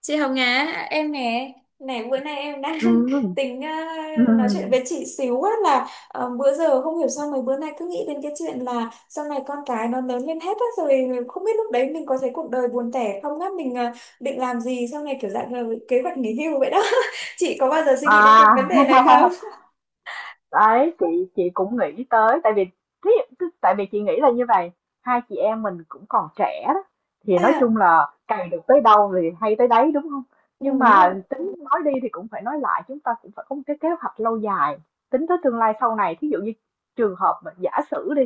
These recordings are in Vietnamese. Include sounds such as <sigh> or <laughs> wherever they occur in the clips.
Chị Hồng Á, em nè, này bữa nay em đang <laughs> Ừm, tính nói chuyện ừm, với chị xíu á là bữa giờ không hiểu sao mấy bữa nay cứ nghĩ đến cái chuyện là sau này con cái nó lớn lên hết á rồi không biết lúc đấy mình có thấy cuộc đời buồn tẻ không á, mình định làm gì sau này, kiểu dạng là kế hoạch nghỉ hưu vậy đó. <laughs> Chị có bao giờ suy nghĩ đến cái à. vấn đề này không? <laughs> Đấy, chị cũng nghĩ tới tại vì tại vì chị nghĩ là như vậy, hai chị em mình cũng còn trẻ đó thì nói À, chung là cày được tới đâu thì hay tới đấy, đúng không? Nhưng đúng mà rồi, tính nói đi thì cũng phải nói lại, chúng ta cũng phải có một cái kế hoạch lâu dài, tính tới tương lai sau này, thí dụ như trường hợp mà giả sử đi,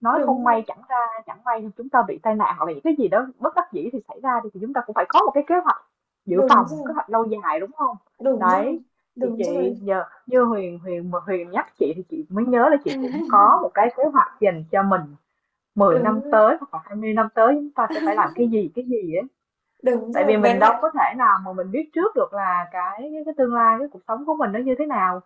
nói đúng không may rồi, chẳng ra, chẳng may chúng ta bị tai nạn hoặc là những cái gì đó bất đắc dĩ thì xảy ra đi, thì chúng ta cũng phải có một cái kế hoạch dự đúng phòng, rồi, kế hoạch lâu dài, đúng không? đúng rồi, Đấy, thì đúng rồi, chị nhờ như Huyền Huyền mà Huyền nhắc chị thì chị mới nhớ là chị cũng <laughs> có một cái kế hoạch dành cho mình mười năm đúng rồi, tới hoặc là 20 năm tới, chúng ta sẽ phải làm <laughs> cái gì ấy, đúng tại rồi, vì với mình đâu lại có thể nào mà mình biết trước được là cái tương lai cái cuộc sống của mình nó như thế nào,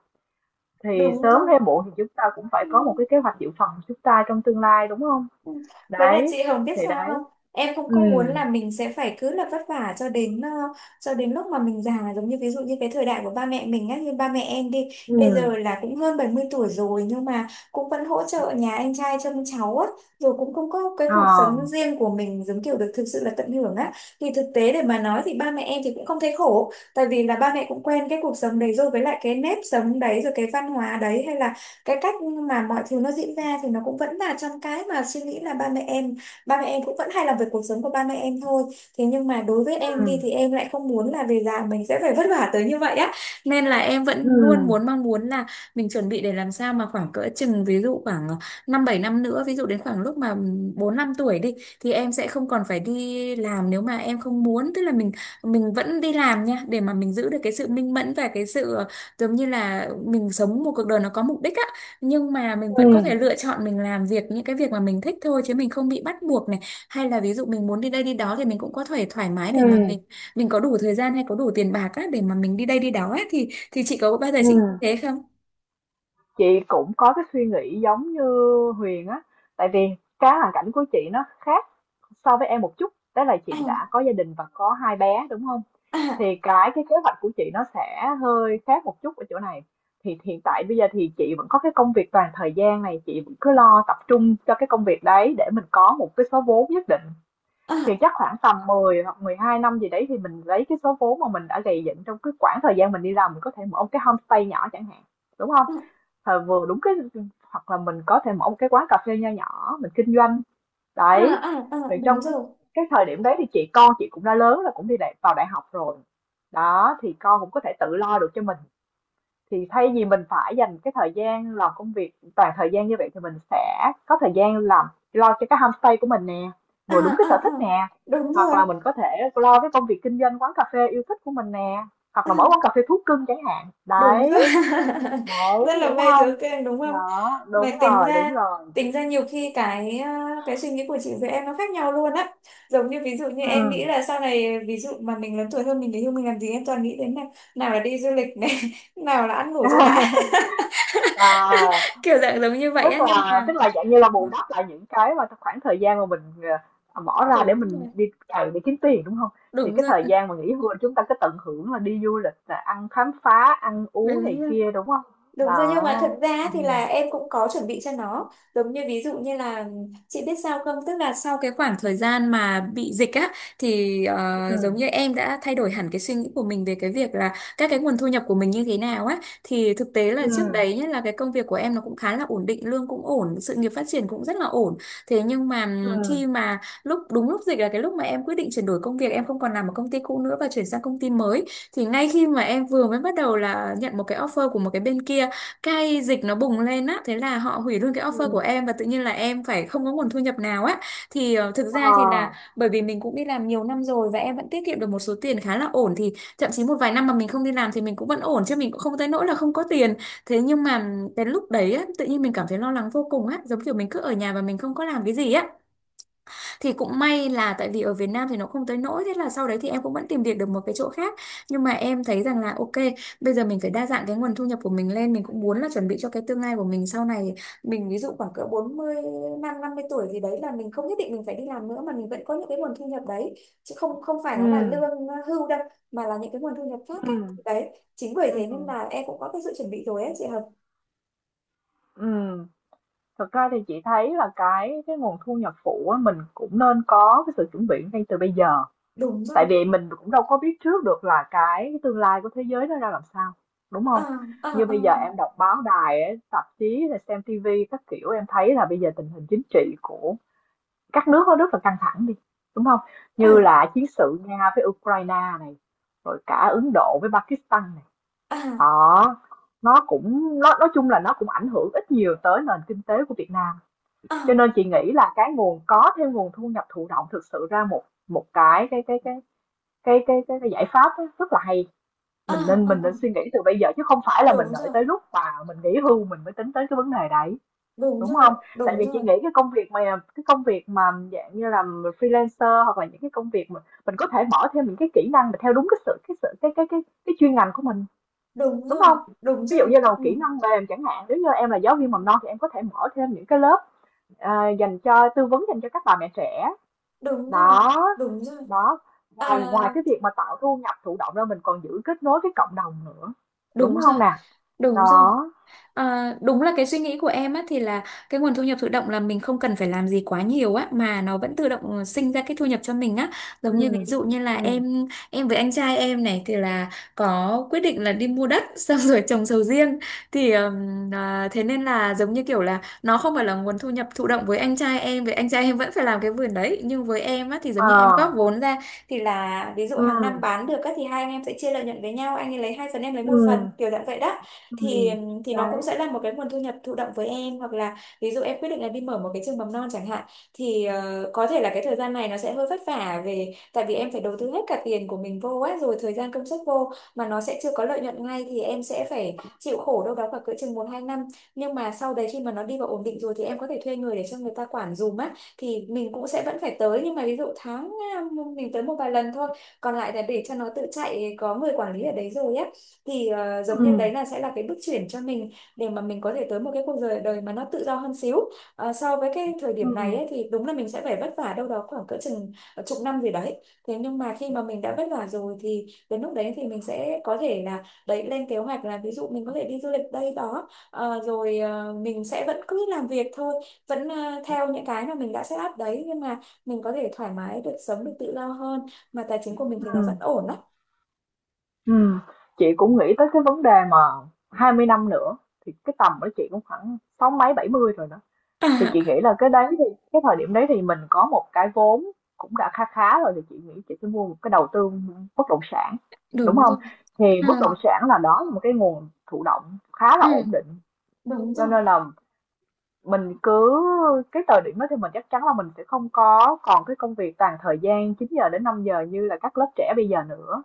thì đúng sớm rồi. hay muộn thì chúng ta cũng phải Ừ. có một cái kế hoạch dự phòng của chúng ta trong tương lai, đúng không? Ừ. Với lại Đấy, chị Hồng biết thì sao không? đấy. Em không Ừ. có muốn là mình sẽ phải cứ là vất vả cho đến cho đến lúc mà mình già, giống như ví dụ như cái thời đại của ba mẹ mình á, như ba mẹ em đi Ừ. bây giờ là cũng hơn 70 tuổi rồi nhưng mà cũng vẫn hỗ trợ nhà anh trai trông cháu á, rồi cũng không có cái Ờ. cuộc sống riêng của mình giống kiểu được thực sự là tận hưởng á. Thì thực tế để mà nói thì ba mẹ em thì cũng không thấy khổ, tại vì là ba mẹ cũng quen cái cuộc sống đấy rồi, với lại cái nếp sống đấy rồi, cái văn hóa đấy hay là cái cách mà mọi thứ nó diễn ra thì nó cũng vẫn là trong cái mà suy nghĩ là ba mẹ em cũng vẫn hay làm về cuộc sống của ba mẹ em thôi. Thế nhưng mà đối với em đi Ừ. thì em lại không muốn là về già mình sẽ phải vất vả tới như vậy á, nên là em Ừ. vẫn luôn muốn mong muốn là mình chuẩn bị để làm sao mà khoảng cỡ chừng ví dụ khoảng 5-7 năm nữa, ví dụ đến khoảng lúc mà bốn năm tuổi đi thì em sẽ không còn phải đi làm nếu mà em không muốn, tức là mình vẫn đi làm nha để mà mình giữ được cái sự minh mẫn và cái sự giống như là mình sống một cuộc đời nó có mục đích á, nhưng mà mình Ừ. vẫn có thể lựa chọn mình làm việc những cái việc mà mình thích thôi chứ mình không bị bắt buộc này, hay là ví dụ mình muốn đi đây đi đó thì mình cũng có thể thoải mái Ừ. để mà mình có đủ thời gian hay có đủ tiền bạc á để mà mình đi đây đi đó ấy. Thì chị có bao giờ Ừ. chị nghĩ thế không? Chị cũng có cái suy nghĩ giống như Huyền á. Tại vì cái hoàn cảnh của chị nó khác so với em một chút, đó là À, chị đã có gia đình và có hai bé, đúng không? Thì à, cái kế hoạch của chị nó sẽ hơi khác một chút ở chỗ này. Thì hiện tại bây giờ thì chị vẫn có cái công việc toàn thời gian này, chị vẫn cứ lo tập trung cho cái công việc đấy để mình có một cái số vốn nhất định, à, thì à, chắc khoảng tầm 10 hoặc 12 năm gì đấy thì mình lấy cái số vốn mà mình đã gầy dựng trong cái khoảng thời gian mình đi làm, mình có thể mở một cái homestay nhỏ chẳng hạn, đúng không? Thời vừa đúng cái, hoặc là mình có thể mở một cái quán cà phê nho nhỏ, mình kinh doanh, à, đấy. à, à, Rồi đúng trong rồi. cái thời điểm đấy thì chị, con chị cũng đã lớn, là cũng đi đại vào đại học rồi. Đó, thì con cũng có thể tự lo được cho mình. Thì thay vì mình phải dành cái thời gian làm công việc toàn thời gian như vậy thì mình sẽ có thời gian làm, lo cho cái homestay của mình nè, À, vừa đúng cái à, sở à, thích nè, đúng hoặc rồi. là mình có thể lo cái công việc kinh doanh quán cà phê yêu thích của mình nè, hoặc là mở quán À, cà phê thú cưng chẳng hạn. đúng Đấy. rồi. <laughs> Rất Đấy, là đúng mê chữ không? kênh, đúng không? Đó, đúng Mà tính rồi, ra, đúng rồi. tính ra nhiều khi cái cái suy nghĩ của chị với em nó khác nhau luôn á, giống như ví dụ như em Ừm. nghĩ là sau này ví dụ mà mình lớn tuổi hơn mình để yêu mình làm gì em toàn nghĩ đến này, nào là đi du lịch này, <laughs> nào là ăn ngủ cho đã, <laughs> À, <laughs> kiểu dạng giống như vậy tức á, nhưng là mà tức là dạng như là bù đắp lại những cái mà trong khoảng thời gian mà mình, bỏ ra để đúng mình rồi, đi cày để kiếm tiền, đúng không? Thì đúng cái rồi, thời gian mà nghỉ hưu là chúng ta cứ tận hưởng, là đi du lịch nè, ăn khám phá, ăn uống đúng. này kia, đúng không? Đúng rồi, nhưng mà thật Đó. ra Ừ. thì là em cũng có chuẩn bị cho nó, giống như ví dụ như là chị biết sao không, tức là sau cái khoảng thời gian mà bị dịch á thì Ừ. giống như em đã thay đổi hẳn cái suy nghĩ của mình về cái việc là các cái nguồn thu nhập của mình như thế nào á. Thì thực tế là Ừ. trước đấy, nhất là cái công việc của em nó cũng khá là ổn định, lương cũng ổn, sự nghiệp phát triển cũng rất là ổn, thế nhưng mà Ừ. khi mà lúc đúng lúc dịch là cái lúc mà em quyết định chuyển đổi công việc, em không còn làm ở công ty cũ nữa và chuyển sang công ty mới, thì ngay khi mà em vừa mới bắt đầu là nhận một cái offer của một cái bên kia, cái dịch nó bùng lên á, thế là họ hủy luôn cái Ừ. offer của em và tự nhiên là em phải không có nguồn thu nhập nào á. Thì thực Ờ. ra thì là bởi vì mình cũng đi làm nhiều năm rồi và em vẫn tiết kiệm được một số tiền khá là ổn, thì thậm chí một vài năm mà mình không đi làm thì mình cũng vẫn ổn chứ mình cũng không tới nỗi là không có tiền. Thế nhưng mà cái lúc đấy á tự nhiên mình cảm thấy lo lắng vô cùng á, giống kiểu mình cứ ở nhà và mình không có làm cái gì á, thì cũng may là tại vì ở Việt Nam thì nó không tới nỗi, thế là sau đấy thì em cũng vẫn tìm việc được một cái chỗ khác. Nhưng mà em thấy rằng là ok, bây giờ mình phải đa dạng cái nguồn thu nhập của mình lên, mình cũng muốn là chuẩn bị cho cái tương lai của mình sau này, mình ví dụ khoảng cỡ 40, 50 tuổi thì đấy là mình không nhất định mình phải đi làm nữa mà mình vẫn có những cái nguồn thu nhập đấy, chứ không không phải nó là Ừm. lương hưu đâu, mà là những cái nguồn thu nhập khác Ừm. ấy. Đấy, chính bởi thế nên Ừm. là em cũng có cái sự chuẩn bị rồi ấy chị Hợp. Ừm. Thật ra thì chị thấy là cái nguồn thu nhập phụ á, mình cũng nên có cái sự chuẩn bị ngay từ bây giờ. Đúng rồi. Tại vì mình cũng đâu có biết trước được là cái tương lai của thế giới nó ra làm sao, đúng À, không? à, Như à, bây giờ em đọc báo đài, ấy, tạp chí, rồi xem tivi các kiểu, em thấy là bây giờ tình hình chính trị của các nước nó rất là căng thẳng đi, đúng không? Như là chiến sự Nga với Ukraine này, rồi cả Ấn Độ với Pakistan này. à, Đó, nó cũng, nó nói chung là nó cũng ảnh hưởng ít nhiều tới nền kinh tế của Việt Nam, à, cho à, nên chị nghĩ là cái nguồn, có thêm nguồn thu nhập thụ động thực sự ra một một cái giải pháp rất là hay. à, Mình nên à, mình à. nên suy nghĩ từ bây giờ chứ không phải là mình Đúng rồi, đợi tới lúc mà mình nghỉ hưu mình mới tính tới cái vấn đề đấy, đúng đúng rồi, không? Tại đúng vì chị rồi, nghĩ cái công việc mà dạng như là freelancer, hoặc là những cái công việc mà mình có thể mở thêm những cái kỹ năng mà theo đúng cái sự cái sự cái chuyên ngành của mình, đúng đúng rồi, không? đúng Ví rồi. dụ như là Ừ. kỹ năng mềm chẳng hạn, nếu như em là giáo viên mầm Ừ, non thì em có thể mở thêm những cái lớp. Ờ, dành cho tư vấn, dành cho các bà mẹ trẻ. đúng rồi, Đó, đúng rồi. đó, À, ngoài ngoài cái việc mà tạo thu nhập thụ động ra, mình còn giữ kết nối với cộng đồng nữa, đúng đúng rồi, không nè? đúng rồi. Đó. Ờ, đúng là cái suy nghĩ của em á thì là cái nguồn thu nhập thụ động là mình không cần phải làm gì quá nhiều á mà nó vẫn tự động sinh ra cái thu nhập cho mình á, giống như ví Ừm. dụ như là Ừm. em với anh trai em này thì là có quyết định là đi mua đất <laughs> xong rồi trồng sầu riêng. Thì thế nên là giống như kiểu là nó không phải là nguồn thu nhập thụ động, với anh trai em vẫn phải làm cái vườn đấy, nhưng với em á thì giống Ờ. như em góp vốn ra, thì là ví dụ hàng năm Ừm. bán được á thì hai anh em sẽ chia lợi nhuận với nhau, anh ấy lấy hai phần em lấy một phần Ừm. kiểu dạng vậy đó. thì Ừm. thì nó Đấy. cũng sẽ là một cái nguồn thu nhập thụ động với em, hoặc là ví dụ em quyết định là đi mở một cái trường mầm non chẳng hạn, thì có thể là cái thời gian này nó sẽ hơi vất vả về, tại vì em phải đầu tư hết cả tiền của mình vô á rồi thời gian công sức vô mà nó sẽ chưa có lợi nhuận ngay, thì em sẽ phải chịu khổ đâu đó khoảng cỡ chừng 1-2 năm, nhưng mà sau đấy khi mà nó đi vào ổn định rồi thì em có thể thuê người để cho người ta quản dùm á, thì mình cũng sẽ vẫn phải tới nhưng mà ví dụ tháng mình tới một vài lần thôi, còn lại là để cho nó tự chạy có người quản lý ở đấy rồi á. Thì giống như Ừm. đấy là sẽ là cái bước chuyển cho mình, để mà mình có thể tới một cái cuộc đời đời mà nó tự do hơn xíu. Ờ, so với cái thời điểm này Ừm. ấy, thì đúng là mình sẽ phải vất vả đâu đó khoảng cỡ chừng chục năm gì đấy, thế nhưng mà khi mà mình đã vất vả rồi thì đến lúc đấy thì mình sẽ có thể là đấy lên kế hoạch, là ví dụ mình có thể đi du lịch đây đó. Ờ, rồi mình sẽ vẫn cứ làm việc thôi, vẫn theo những cái mà mình đã set up đấy, nhưng mà mình có thể thoải mái được, sống được tự do hơn, mà tài chính của mình thì nó vẫn Ừm. ổn đó. Ừm. Chị cũng nghĩ tới cái vấn đề mà 20 năm nữa thì cái tầm của chị cũng khoảng sáu mấy bảy mươi rồi đó. Thì À, chị nghĩ là cái đấy thì cái thời điểm đấy thì mình có một cái vốn cũng đã khá khá rồi, thì chị nghĩ chị sẽ mua một cái, đầu tư bất động sản, đúng đúng không? rồi. Thì bất À, động sản là, đó là một cái nguồn thụ động khá ừ, là ổn định, đúng cho rồi. nên là mình cứ, cái thời điểm đó thì mình chắc chắn là mình sẽ không có còn cái công việc toàn thời gian 9 giờ đến 5 giờ như là các lớp trẻ bây giờ nữa.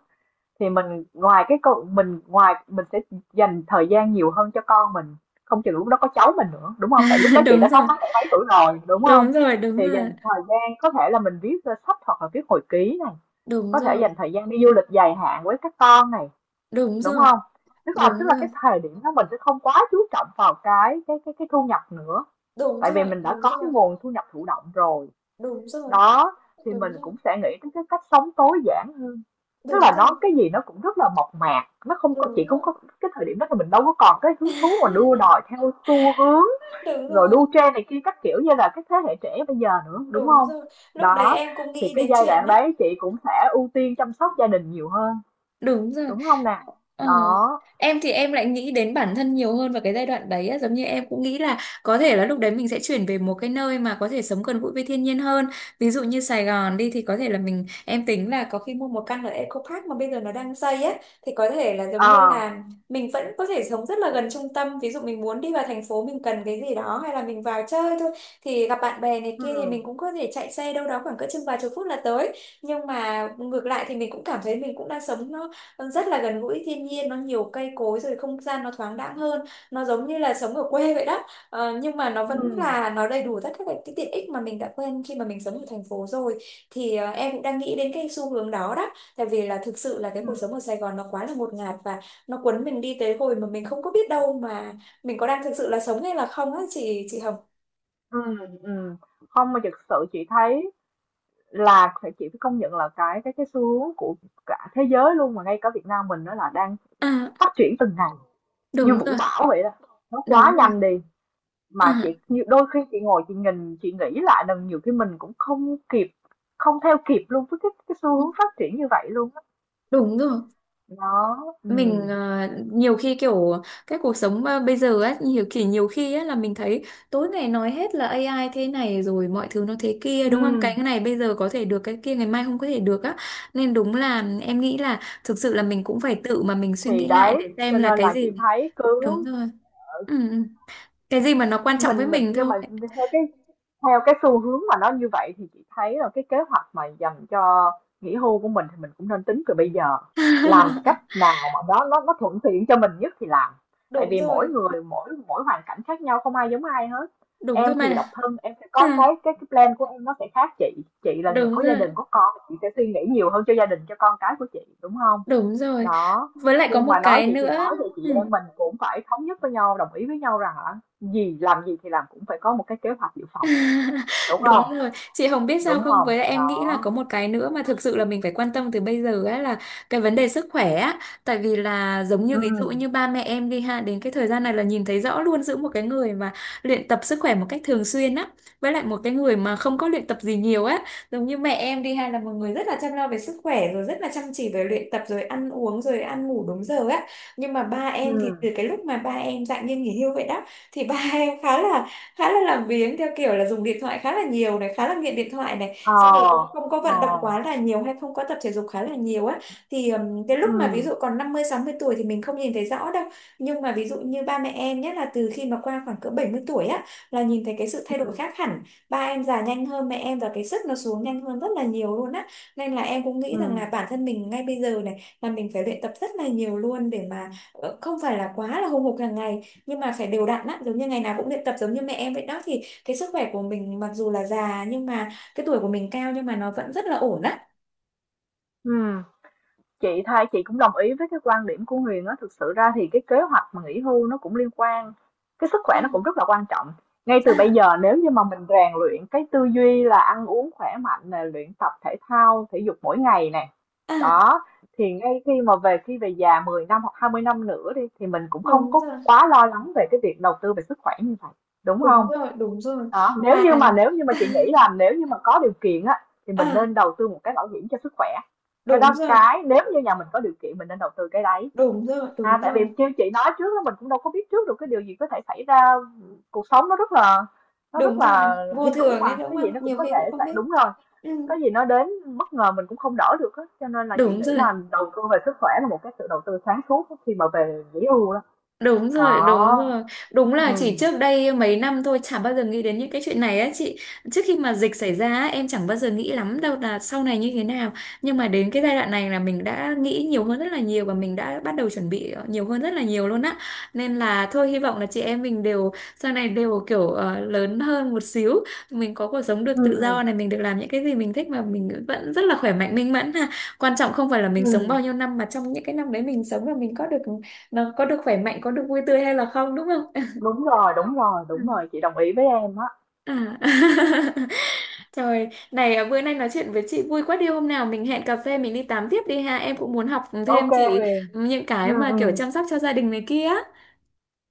Thì mình ngoài cái câu, mình ngoài, mình sẽ dành thời gian nhiều hơn cho con mình, không chừng lúc đó có cháu mình nữa, đúng không? Tại lúc đó <laughs> chị Đúng đã 6 rồi, mấy bảy tuổi rồi, đúng không? đúng rồi, đúng Thì rồi, dành thời gian có thể là mình viết, ơ, sách hoặc là viết hồi ký này, đúng có thể rồi, dành thời gian đi du lịch dài hạn với các con này, đúng đúng rồi, không? Tức là tức đúng là rồi. cái thời điểm đó mình sẽ không quá chú trọng vào cái thu nhập nữa, Đúng tại vì rồi, mình đã đúng có rồi, cái nguồn thu nhập thụ động rồi. đúng rồi, Đó, thì đúng mình rồi, cũng sẽ nghĩ đến cái cách sống tối giản hơn. Tức đúng là nó rồi, cái gì nó cũng rất là mộc mạc, nó không có, chị đúng không rồi. có, cái thời điểm đó thì mình đâu có còn cái hứng thú mà đua đòi <laughs> theo xu hướng, Đúng rồi rồi, đua trend này kia các kiểu như là cái thế hệ trẻ bây giờ nữa, đúng đúng không? rồi. Lúc đấy Đó, em cũng thì nghĩ cái đến giai chuyện đoạn đó. đấy chị cũng sẽ ưu tiên chăm sóc gia đình nhiều hơn, Đúng rồi. đúng không nè? Ờ. Đó. Em thì em lại nghĩ đến bản thân nhiều hơn vào cái giai đoạn đấy á. Giống như em cũng nghĩ là có thể là lúc đấy mình sẽ chuyển về một cái nơi mà có thể sống gần gũi với thiên nhiên hơn. Ví dụ như Sài Gòn đi thì có thể là em tính là có khi mua một căn ở Eco Park mà bây giờ nó đang xây á, thì có thể là giống như Ờ. là mình vẫn có thể sống rất là gần trung tâm. Ví dụ mình muốn đi vào thành phố, mình cần cái gì đó hay là mình vào chơi thôi thì gặp bạn bè này kia, thì Ừ. mình cũng có thể chạy xe đâu đó khoảng cỡ chừng vài chục phút là tới. Nhưng mà ngược lại thì mình cũng cảm thấy mình cũng đang sống nó rất là gần gũi thiên nhiên, nó nhiều cây cối, rồi không gian nó thoáng đãng hơn, nó giống như là sống ở quê vậy đó. Ờ, nhưng mà nó vẫn Ừ. là nó đầy đủ tất cả các cái tiện ích mà mình đã quen khi mà mình sống ở thành phố rồi, thì em cũng đang nghĩ đến cái xu hướng đó đó, tại vì là thực sự là cái Ừ. cuộc sống ở Sài Gòn nó quá là ngột ngạt và nó cuốn mình đi tới hồi mà mình không có biết đâu mà mình có đang thực sự là sống hay là không á chị Hồng. Ừ. Ừ. Ừ. Không, mà thực sự chị thấy là phải, chị phải công nhận là cái xu hướng của cả thế giới luôn, mà ngay cả Việt Nam mình nó là đang À, phát triển từng ngày như đúng vũ rồi, bão vậy đó, nó đúng quá rồi. nhanh đi, mà À, chị như đôi khi chị ngồi chị nhìn chị nghĩ lại lần nhiều khi mình cũng không kịp, không theo kịp luôn với cái xu hướng phát triển như vậy luôn á. đúng rồi. Đó. Ừ. Mình nhiều khi kiểu cái cuộc sống bây giờ ấy, nhiều khi ấy là mình thấy tối ngày nói hết là AI thế này rồi mọi thứ nó thế kia, đúng không? Cái ừ này bây giờ có thể được, cái kia ngày mai không có thể được á, nên đúng là em nghĩ là thực sự là mình cũng phải tự mà mình suy thì nghĩ lại đấy để xem cho là nên cái là gì. chị thấy Đúng cứ rồi. Ừ, ừ. Cái gì mà nó quan trọng với mình mình nhưng thôi. mà theo cái theo cái xu hướng mà nó như vậy thì chị thấy là cái kế hoạch mà dành cho nghỉ hưu của mình thì mình cũng nên tính từ bây giờ, làm cách <laughs> nào mà nó thuận tiện cho mình nhất thì làm, tại Đúng vì mỗi rồi. người mỗi mỗi hoàn cảnh khác nhau, không ai giống ai hết. Đúng rồi Em thì độc mà. thân, em sẽ có Ừ, cái plan của em nó sẽ khác, chị là người đúng có gia rồi, đình có con chị sẽ suy nghĩ nhiều hơn cho gia đình cho con cái của chị, đúng không? đúng rồi, Đó, với lại có nhưng một mà nói cái vậy thì nữa. nói vậy, chị Ừ. em mình cũng phải thống nhất với nhau, đồng ý với nhau rằng là gì làm gì thì làm cũng phải có một cái kế hoạch dự phòng, <laughs> đúng Đúng không? rồi, chị Hồng biết sao Đúng không? không? Với lại em nghĩ là Đó. có một cái nữa mà thực sự là mình phải quan tâm từ bây giờ ấy, là cái vấn đề sức khỏe á. Tại vì là giống như Ừ. ví dụ như ba mẹ em đi ha, đến cái thời gian này là nhìn thấy rõ luôn giữa một cái người mà luyện tập sức khỏe một cách thường xuyên á, với lại một cái người mà không có luyện tập gì nhiều á. Giống như mẹ em đi ha, là một người rất là chăm lo về sức khỏe, rồi rất là chăm chỉ về luyện tập, rồi ăn uống, rồi ăn ngủ đúng giờ á. Nhưng mà ba Ừ. em thì từ cái lúc mà ba em dạng như nghỉ hưu vậy đó, thì ba <laughs> em khá là làm biếng, theo kiểu là dùng điện thoại khá là nhiều này, khá là nghiện điện thoại này, Ờ. xong rồi cũng không có Ờ. vận động quá là nhiều hay không có tập thể dục khá là nhiều á, thì cái lúc Ừ. mà ví dụ còn 50 60 tuổi thì mình không nhìn thấy rõ đâu, nhưng mà ví dụ như ba mẹ em, nhất là từ khi mà qua khoảng cỡ 70 tuổi á, là nhìn thấy cái sự thay đổi Ừ. khác hẳn. Ba em già nhanh hơn mẹ em và cái sức nó xuống nhanh hơn rất là nhiều luôn á, nên là em cũng nghĩ Ừ. rằng là bản thân mình ngay bây giờ này là mình phải luyện tập rất là nhiều luôn, để mà không phải là quá là hùng hục hàng ngày, nhưng mà phải đều đặn á, giống như ngày nào cũng luyện tập giống như mẹ em vậy đó, thì cái sức khỏe của mình mặc dù là già nhưng mà cái tuổi của mình cao, nhưng mà nó vẫn rất là ổn á. Ừ. Chị thay, chị cũng đồng ý với cái quan điểm của Huyền á. Thực sự ra thì cái kế hoạch mà nghỉ hưu nó cũng liên quan, cái sức À, khỏe nó cũng rất là quan trọng. Ngay từ bây à, giờ nếu như mà mình rèn luyện cái tư duy là ăn uống khỏe mạnh nè, luyện tập thể thao thể dục mỗi ngày nè. à, Đó, thì ngay khi mà về, khi về già 10 năm hoặc 20 năm nữa đi thì mình cũng không đúng có rồi, quá lo lắng về cái việc đầu tư về sức khỏe như vậy, đúng không? đúng rồi, đúng rồi Đó, nếu mà. như mà, nếu như mà chị nghĩ là nếu như mà có điều kiện á thì mình À, nên đầu tư một cái bảo hiểm cho sức khỏe. Cái đúng đó, rồi, cái nếu như nhà mình có điều kiện mình nên đầu tư cái đấy. đúng rồi, À, đúng tại rồi, vì như chị nói trước đó, mình cũng đâu có biết trước được cái điều gì có thể xảy ra, cuộc sống nó rất là, nó rất đúng rồi là vô hy hữu thường ấy, mà đúng cái không, gì nó cũng nhiều có khi cũng thể không xảy, biết. đúng rồi, Ừ, có gì nó đến bất ngờ mình cũng không đỡ được á, cho nên là chị đúng nghĩ rồi. là đầu tư về sức khỏe là một cái sự đầu tư sáng suốt á, khi mà về nghỉ hưu đó. Đúng rồi, đúng Đó. rồi. Đúng là chỉ Ừm. trước đây mấy năm thôi chả bao giờ nghĩ đến những cái chuyện này á chị. Trước khi mà dịch xảy ra á, em chẳng bao giờ nghĩ lắm đâu là sau này như thế nào. Nhưng mà đến cái giai đoạn này là mình đã nghĩ nhiều hơn rất là nhiều, và mình đã bắt đầu chuẩn bị nhiều hơn rất là nhiều luôn á. Nên là thôi, hy vọng là chị em mình đều sau này đều kiểu lớn hơn một xíu, mình có cuộc sống được tự Ừm. do này, mình được làm những cái gì mình thích mà mình vẫn rất là khỏe mạnh minh mẫn ha. Quan trọng không phải là mình sống bao Ừm. nhiêu năm, mà trong những cái năm đấy mình sống là mình có được, nó có được khỏe mạnh, có được vui tươi hay là không, đúng không? Đúng rồi, đúng rồi, Ừ. đúng rồi, chị đồng ý với em á. À. <laughs> Trời, này à, bữa nay nói chuyện với chị vui quá đi, hôm nào mình hẹn cà phê mình đi tám tiếp đi ha, em cũng muốn học Ok thêm chị Huyền. những cái Ừm, mà kiểu ừm, chăm sóc cho gia đình này kia.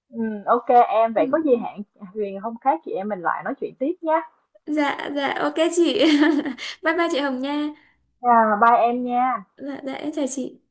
ok em, vậy Ừ, có gì ừ. hẹn Huyền hôm khác chị em mình lại nói chuyện tiếp nhé. Dạ dạ, ok chị. <laughs> Bye bye chị Hồng nha. À, bye em nha. Dạ dạ, em chào chị.